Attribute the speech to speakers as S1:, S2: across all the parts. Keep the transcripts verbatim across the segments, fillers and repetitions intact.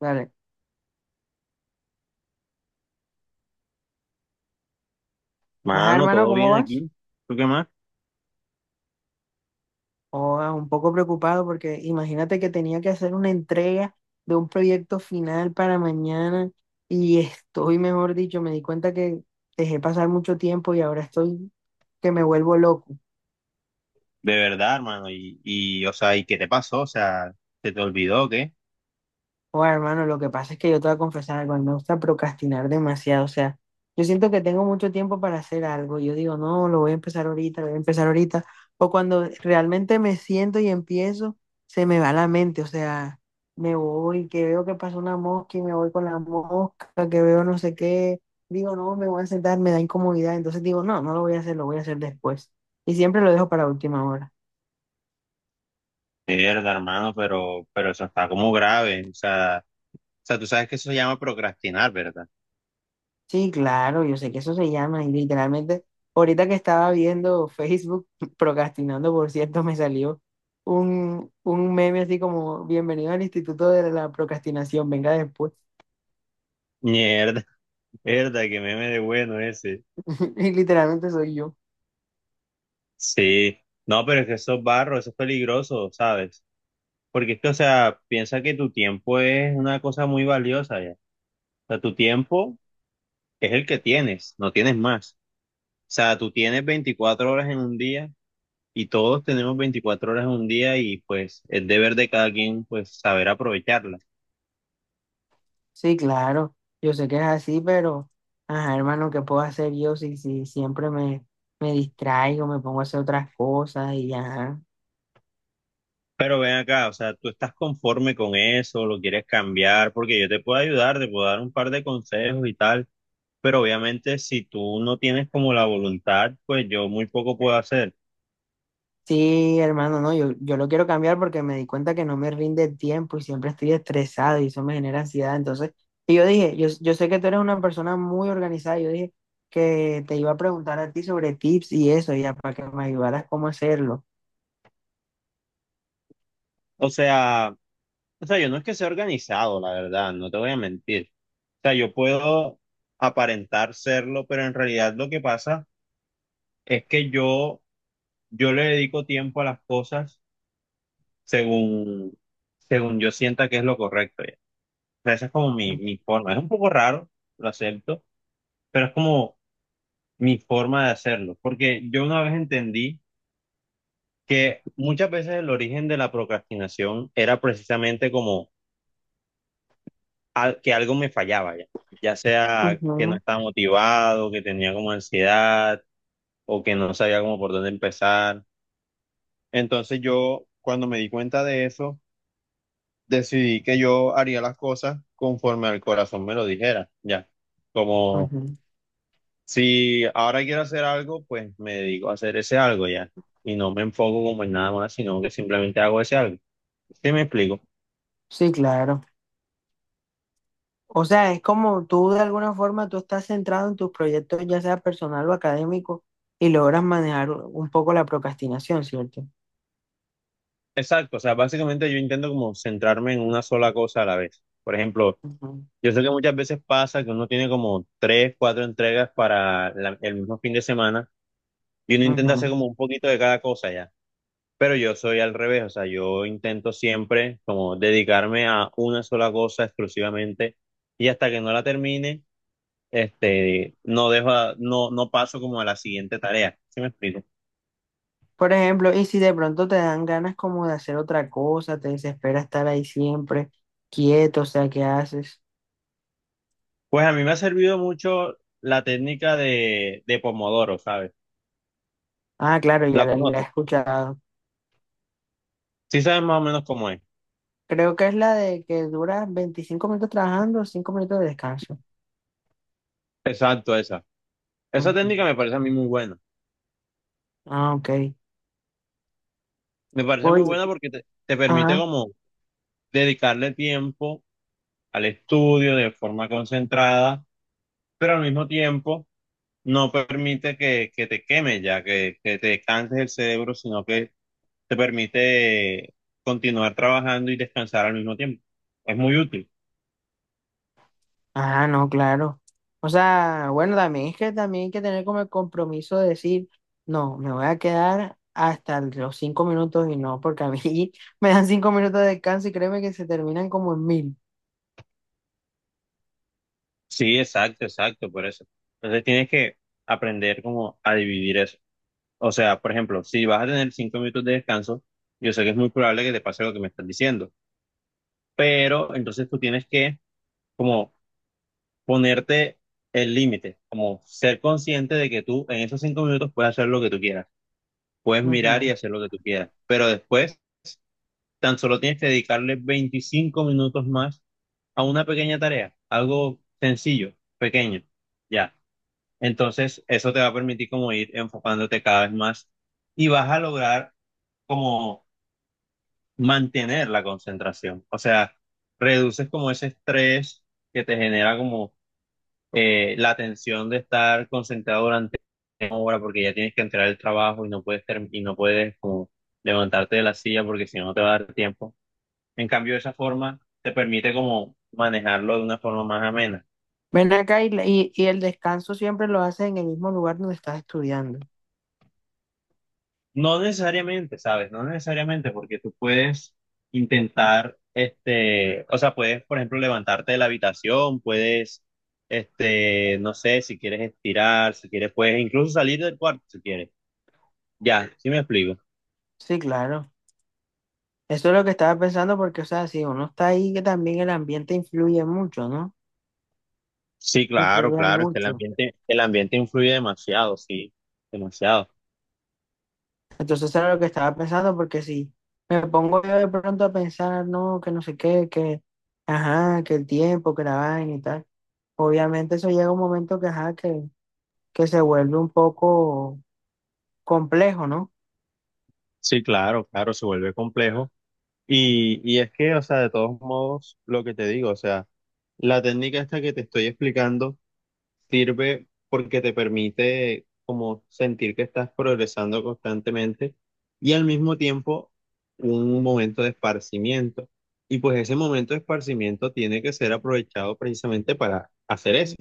S1: Dale. Ajá,
S2: Mano,
S1: hermano,
S2: todo
S1: ¿cómo
S2: bien
S1: vas?
S2: aquí. ¿Tú qué más?
S1: Oh, ah, un poco preocupado porque imagínate que tenía que hacer una entrega de un proyecto final para mañana y estoy, mejor dicho, me di cuenta que dejé pasar mucho tiempo y ahora estoy que me vuelvo loco.
S2: De verdad, hermano. Y, y, o sea, ¿y qué te pasó? O sea, ¿se te olvidó o qué?
S1: Oh, hermano, lo que pasa es que yo te voy a confesar algo, a mí me gusta procrastinar demasiado, o sea, yo siento que tengo mucho tiempo para hacer algo, yo digo, no, lo voy a empezar ahorita, lo voy a empezar ahorita, o cuando realmente me siento y empiezo, se me va la mente, o sea, me voy, que veo que pasa una mosca y me voy con la mosca, que veo no sé qué, digo, no, me voy a sentar, me da incomodidad, entonces digo, no, no lo voy a hacer, lo voy a hacer después, y siempre lo dejo para última hora.
S2: De verdad, hermano, pero, pero eso está como grave. O sea, o sea, tú sabes que eso se llama procrastinar, ¿verdad?
S1: Sí, claro, yo sé que eso se llama y literalmente ahorita que estaba viendo Facebook, procrastinando por cierto, me salió un, un meme así como bienvenido al Instituto de la Procrastinación, venga después.
S2: Mierda, mierda, que meme de bueno ese.
S1: Y literalmente soy yo.
S2: Sí. No, pero es que eso es barro, eso es peligroso, ¿sabes? Porque es que, o sea, piensa que tu tiempo es una cosa muy valiosa ya. O sea, tu tiempo es el que tienes, no tienes más. O sea, tú tienes veinticuatro horas en un día y todos tenemos veinticuatro horas en un día y pues es deber de cada quien pues saber aprovecharlas.
S1: Sí, claro, yo sé que es así, pero ajá, hermano, ¿qué puedo hacer yo si, si siempre me, me distraigo, me pongo a hacer otras cosas y ya?
S2: Pero ven acá, o sea, ¿tú estás conforme con eso? ¿Lo quieres cambiar? Porque yo te puedo ayudar, te puedo dar un par de consejos y tal, pero obviamente si tú no tienes como la voluntad, pues yo muy poco puedo hacer.
S1: Sí, hermano, no, yo, yo lo quiero cambiar porque me di cuenta que no me rinde el tiempo y siempre estoy estresado y eso me genera ansiedad. Entonces, y yo dije, yo, yo sé que tú eres una persona muy organizada, yo dije que te iba a preguntar a ti sobre tips y eso, ya para que me ayudaras cómo hacerlo.
S2: O sea, o sea, yo no es que sea organizado, la verdad, no te voy a mentir. O sea, yo puedo aparentar serlo, pero en realidad lo que pasa es que yo, yo le dedico tiempo a las cosas según, según yo sienta que es lo correcto. Ya. O sea, esa es como mi, mi forma. Es un poco raro, lo acepto, pero es como mi forma de hacerlo. Porque yo una vez entendí que muchas veces el origen de la procrastinación era precisamente como al- que algo me fallaba ya. Ya sea que no
S1: Ujú,
S2: estaba motivado, que tenía como ansiedad o que no sabía como por dónde empezar. Entonces yo, cuando me di cuenta de eso, decidí que yo haría las cosas conforme al corazón me lo dijera, ya. Como
S1: ujú.
S2: si ahora quiero hacer algo, pues me dedico a hacer ese algo ya. Y no me enfoco como en nada más, sino que simplemente hago ese algo. ¿Sí me explico?
S1: Sí, claro. O sea, es como tú de alguna forma, tú estás centrado en tus proyectos, ya sea personal o académico, y logras manejar un poco la procrastinación, ¿cierto?
S2: Exacto, o sea, básicamente yo intento como centrarme en una sola cosa a la vez. Por ejemplo,
S1: Ujú,
S2: yo sé que muchas veces pasa que uno tiene como tres, cuatro entregas para la- el mismo fin de semana y uno intenta hacer
S1: ujú.
S2: como un poquito de cada cosa ya. Pero yo soy al revés, o sea, yo intento siempre como dedicarme a una sola cosa exclusivamente y hasta que no la termine, este, no dejo, a- no, no paso como a la siguiente tarea. ¿Sí me explico?
S1: Por ejemplo, y si de pronto te dan ganas como de hacer otra cosa, te desespera estar ahí siempre quieto, o sea, ¿qué haces?
S2: Pues a mí me ha servido mucho la técnica de, de Pomodoro, ¿sabes?
S1: Ah, claro, ya
S2: La
S1: la, la
S2: conozco.
S1: he escuchado.
S2: Sí sabes más o menos cómo es.
S1: Creo que es la de que dura veinticinco minutos trabajando, cinco minutos de descanso.
S2: Exacto, esa. Esa
S1: Ujú.
S2: técnica me parece a mí muy buena.
S1: Ah, ok.
S2: Me parece muy
S1: Oye,
S2: buena porque te, te permite
S1: ajá.
S2: como dedicarle tiempo al estudio de forma concentrada, pero al mismo tiempo no permite que, que te queme ya, que, que te canses el cerebro, sino que te permite continuar trabajando y descansar al mismo tiempo. Es muy útil.
S1: Ah, no, claro. O sea, bueno, también es que también hay que tener como el compromiso de decir, no, me voy a quedar hasta los cinco minutos y no, porque a mí me dan cinco minutos de descanso y créeme que se terminan como en mil.
S2: Sí, exacto, exacto, por eso. Entonces tienes que aprender como a dividir eso. O sea, por ejemplo, si vas a tener cinco minutos de descanso, yo sé que es muy probable que te pase lo que me estás diciendo, pero entonces tú tienes que como ponerte el límite, como ser consciente de que tú en esos cinco minutos puedes hacer lo que tú quieras. Puedes mirar y
S1: Ujú.
S2: hacer lo que tú quieras, pero después tan solo tienes que dedicarle veinticinco minutos más a una pequeña tarea, algo sencillo, pequeño, ya. Entonces, eso te va a permitir como ir enfocándote cada vez más y vas a lograr como mantener la concentración, o sea, reduces como ese estrés que te genera como eh, la atención de estar concentrado durante una hora porque ya tienes que entrar al trabajo y no puedes term- y no puedes como levantarte de la silla porque si no no te va a dar tiempo. En cambio, de esa forma te permite como manejarlo de una forma más amena.
S1: Ven acá y, la- y, y el descanso siempre lo haces en el mismo lugar donde estás estudiando.
S2: No necesariamente, ¿sabes? No necesariamente porque tú puedes intentar, este, o sea, puedes, por ejemplo, levantarte de la habitación, puedes, este, no sé, si quieres estirar, si quieres, puedes incluso salir del cuarto si quieres. Ya, sí me explico.
S1: Sí, claro. Eso es lo que estaba pensando porque, o sea, si uno está ahí, que también el ambiente influye mucho, ¿no?
S2: Sí, claro,
S1: Influye
S2: claro, es que el
S1: mucho.
S2: ambiente, el ambiente influye demasiado, sí, demasiado.
S1: Entonces, eso era lo que estaba pensando porque si me pongo yo de pronto a pensar, no, que no sé qué, que, ajá, que el tiempo, que la vaina y tal, obviamente eso llega un momento que, ajá, que, que se vuelve un poco complejo, ¿no?
S2: Sí, claro, claro, se vuelve complejo. Y, y es que, o sea, de todos modos, lo que te digo, o sea, la técnica esta que te estoy explicando. Sirve porque te permite como sentir que estás progresando constantemente y al mismo tiempo un momento de esparcimiento. Y pues ese momento de esparcimiento tiene que ser aprovechado precisamente para hacer eso,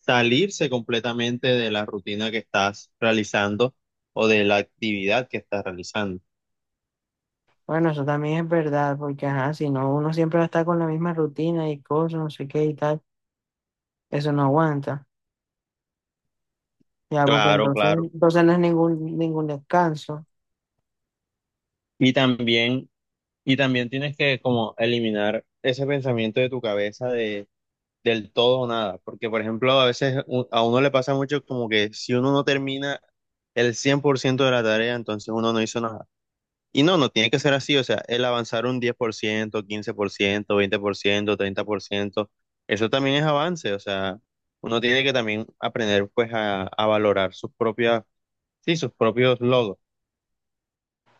S2: salirse completamente de la rutina que estás realizando o de la actividad que estás realizando.
S1: Bueno, eso también es verdad, porque ajá, si no, uno siempre va a estar con la misma rutina y cosas, no sé qué y tal, eso no aguanta, ya, porque
S2: Claro,
S1: entonces,
S2: claro.
S1: entonces no es ningún, ningún descanso.
S2: Y también, y también tienes que como eliminar ese pensamiento de tu cabeza de del todo o nada, porque por ejemplo a veces u- a uno le pasa mucho como que si uno no termina el cien por ciento de la tarea, entonces uno no hizo nada. Y no, no tiene que ser así, o sea, el avanzar un diez por por por ciento, ciento quince, veinte por ciento, treinta por ciento, eso también es avance, o sea, uno tiene que también aprender pues a, a valorar sus propias, sí, sus propios logros.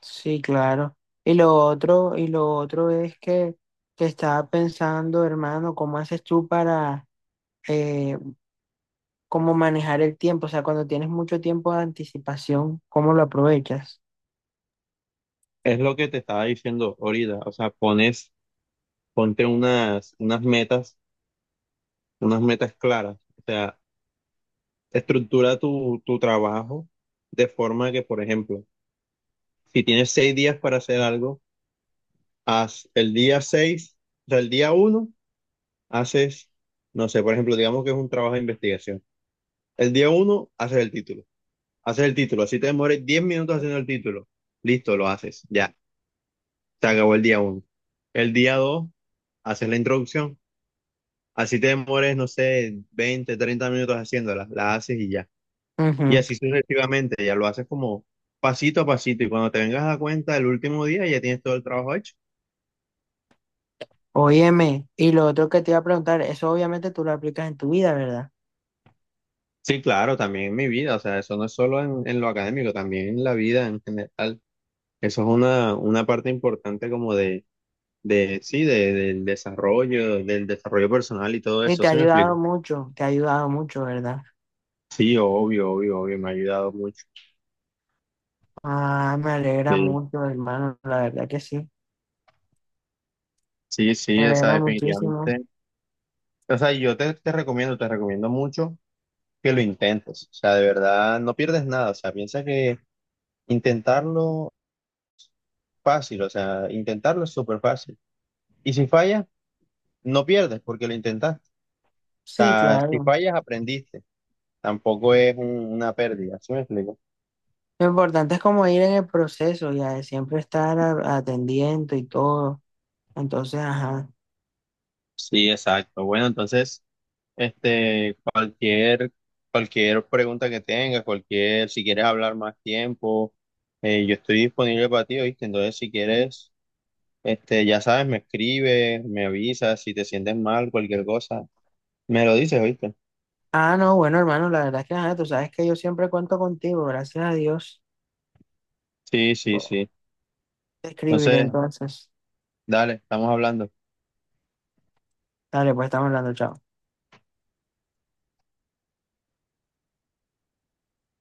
S1: Sí, claro. Y lo otro, y lo otro es que, que estaba pensando, hermano, ¿cómo haces tú para eh, cómo manejar el tiempo? O sea, cuando tienes mucho tiempo de anticipación, ¿cómo lo aprovechas?
S2: Es lo que te estaba diciendo ahorita, o sea, pones, ponte unas, unas metas, unas metas claras. O sea, estructura tu, tu trabajo de forma que, por ejemplo, si tienes seis días para hacer algo, haz el día seis, o sea, el día uno, haces, no sé, por ejemplo, digamos que es un trabajo de investigación. El día uno, haces el título. Haces el título. Así te demores diez minutos haciendo el título. Listo, lo haces. Ya, se acabó el día uno. El día dos, haces la introducción. Así te demores, no sé, veinte, treinta minutos haciéndola. La haces y ya. Y
S1: Ujú.
S2: así sucesivamente, ya lo haces como pasito a pasito y cuando te vengas a dar cuenta el último día ya tienes todo el trabajo hecho.
S1: Óyeme, y lo otro que te iba a preguntar, eso obviamente tú lo aplicas en tu vida, ¿verdad?
S2: Sí, claro, también en mi vida, o sea, eso no es solo en, en lo académico, también en la vida en general. Eso es una, una parte importante como de, de sí, de- del desarrollo, del desarrollo, personal y todo
S1: Y
S2: eso,
S1: te ha
S2: ¿sí me explico?
S1: ayudado mucho, te ha ayudado mucho, ¿verdad?
S2: Sí, obvio, obvio, obvio, me ha ayudado mucho.
S1: Ah, me alegra
S2: Sí,
S1: mucho, hermano, la verdad que sí,
S2: sí, sí,
S1: me
S2: o sea,
S1: alegra muchísimo.
S2: definitivamente. O sea, yo te, te recomiendo, te recomiendo mucho que lo intentes, o sea, de verdad, no pierdes nada, o sea, piensa que intentarlo fácil, o sea, intentarlo es súper fácil. Y si fallas, no pierdes porque lo intentaste. O
S1: Sí,
S2: sea, si
S1: claro.
S2: fallas, aprendiste. Tampoco es un- una pérdida, ¿sí me explico?
S1: Lo importante es como ir en el proceso, ya de siempre estar a- atendiendo y todo. Entonces, ajá.
S2: Sí, exacto. Bueno, entonces, este, cualquier, cualquier pregunta que tengas, cualquier, si quieres hablar más tiempo, eh, yo estoy disponible para ti, ¿oíste? Entonces, si quieres, este, ya sabes, me escribes, me avisas, si te sientes mal, cualquier cosa, me lo dices, ¿oíste?
S1: Ah, no, bueno, hermano, la verdad es que, ajá, tú sabes que yo siempre cuento contigo, gracias a Dios.
S2: Sí,
S1: Te
S2: sí, sí.
S1: escribiré
S2: Entonces,
S1: entonces.
S2: dale, estamos hablando.
S1: Dale, pues estamos hablando, chao.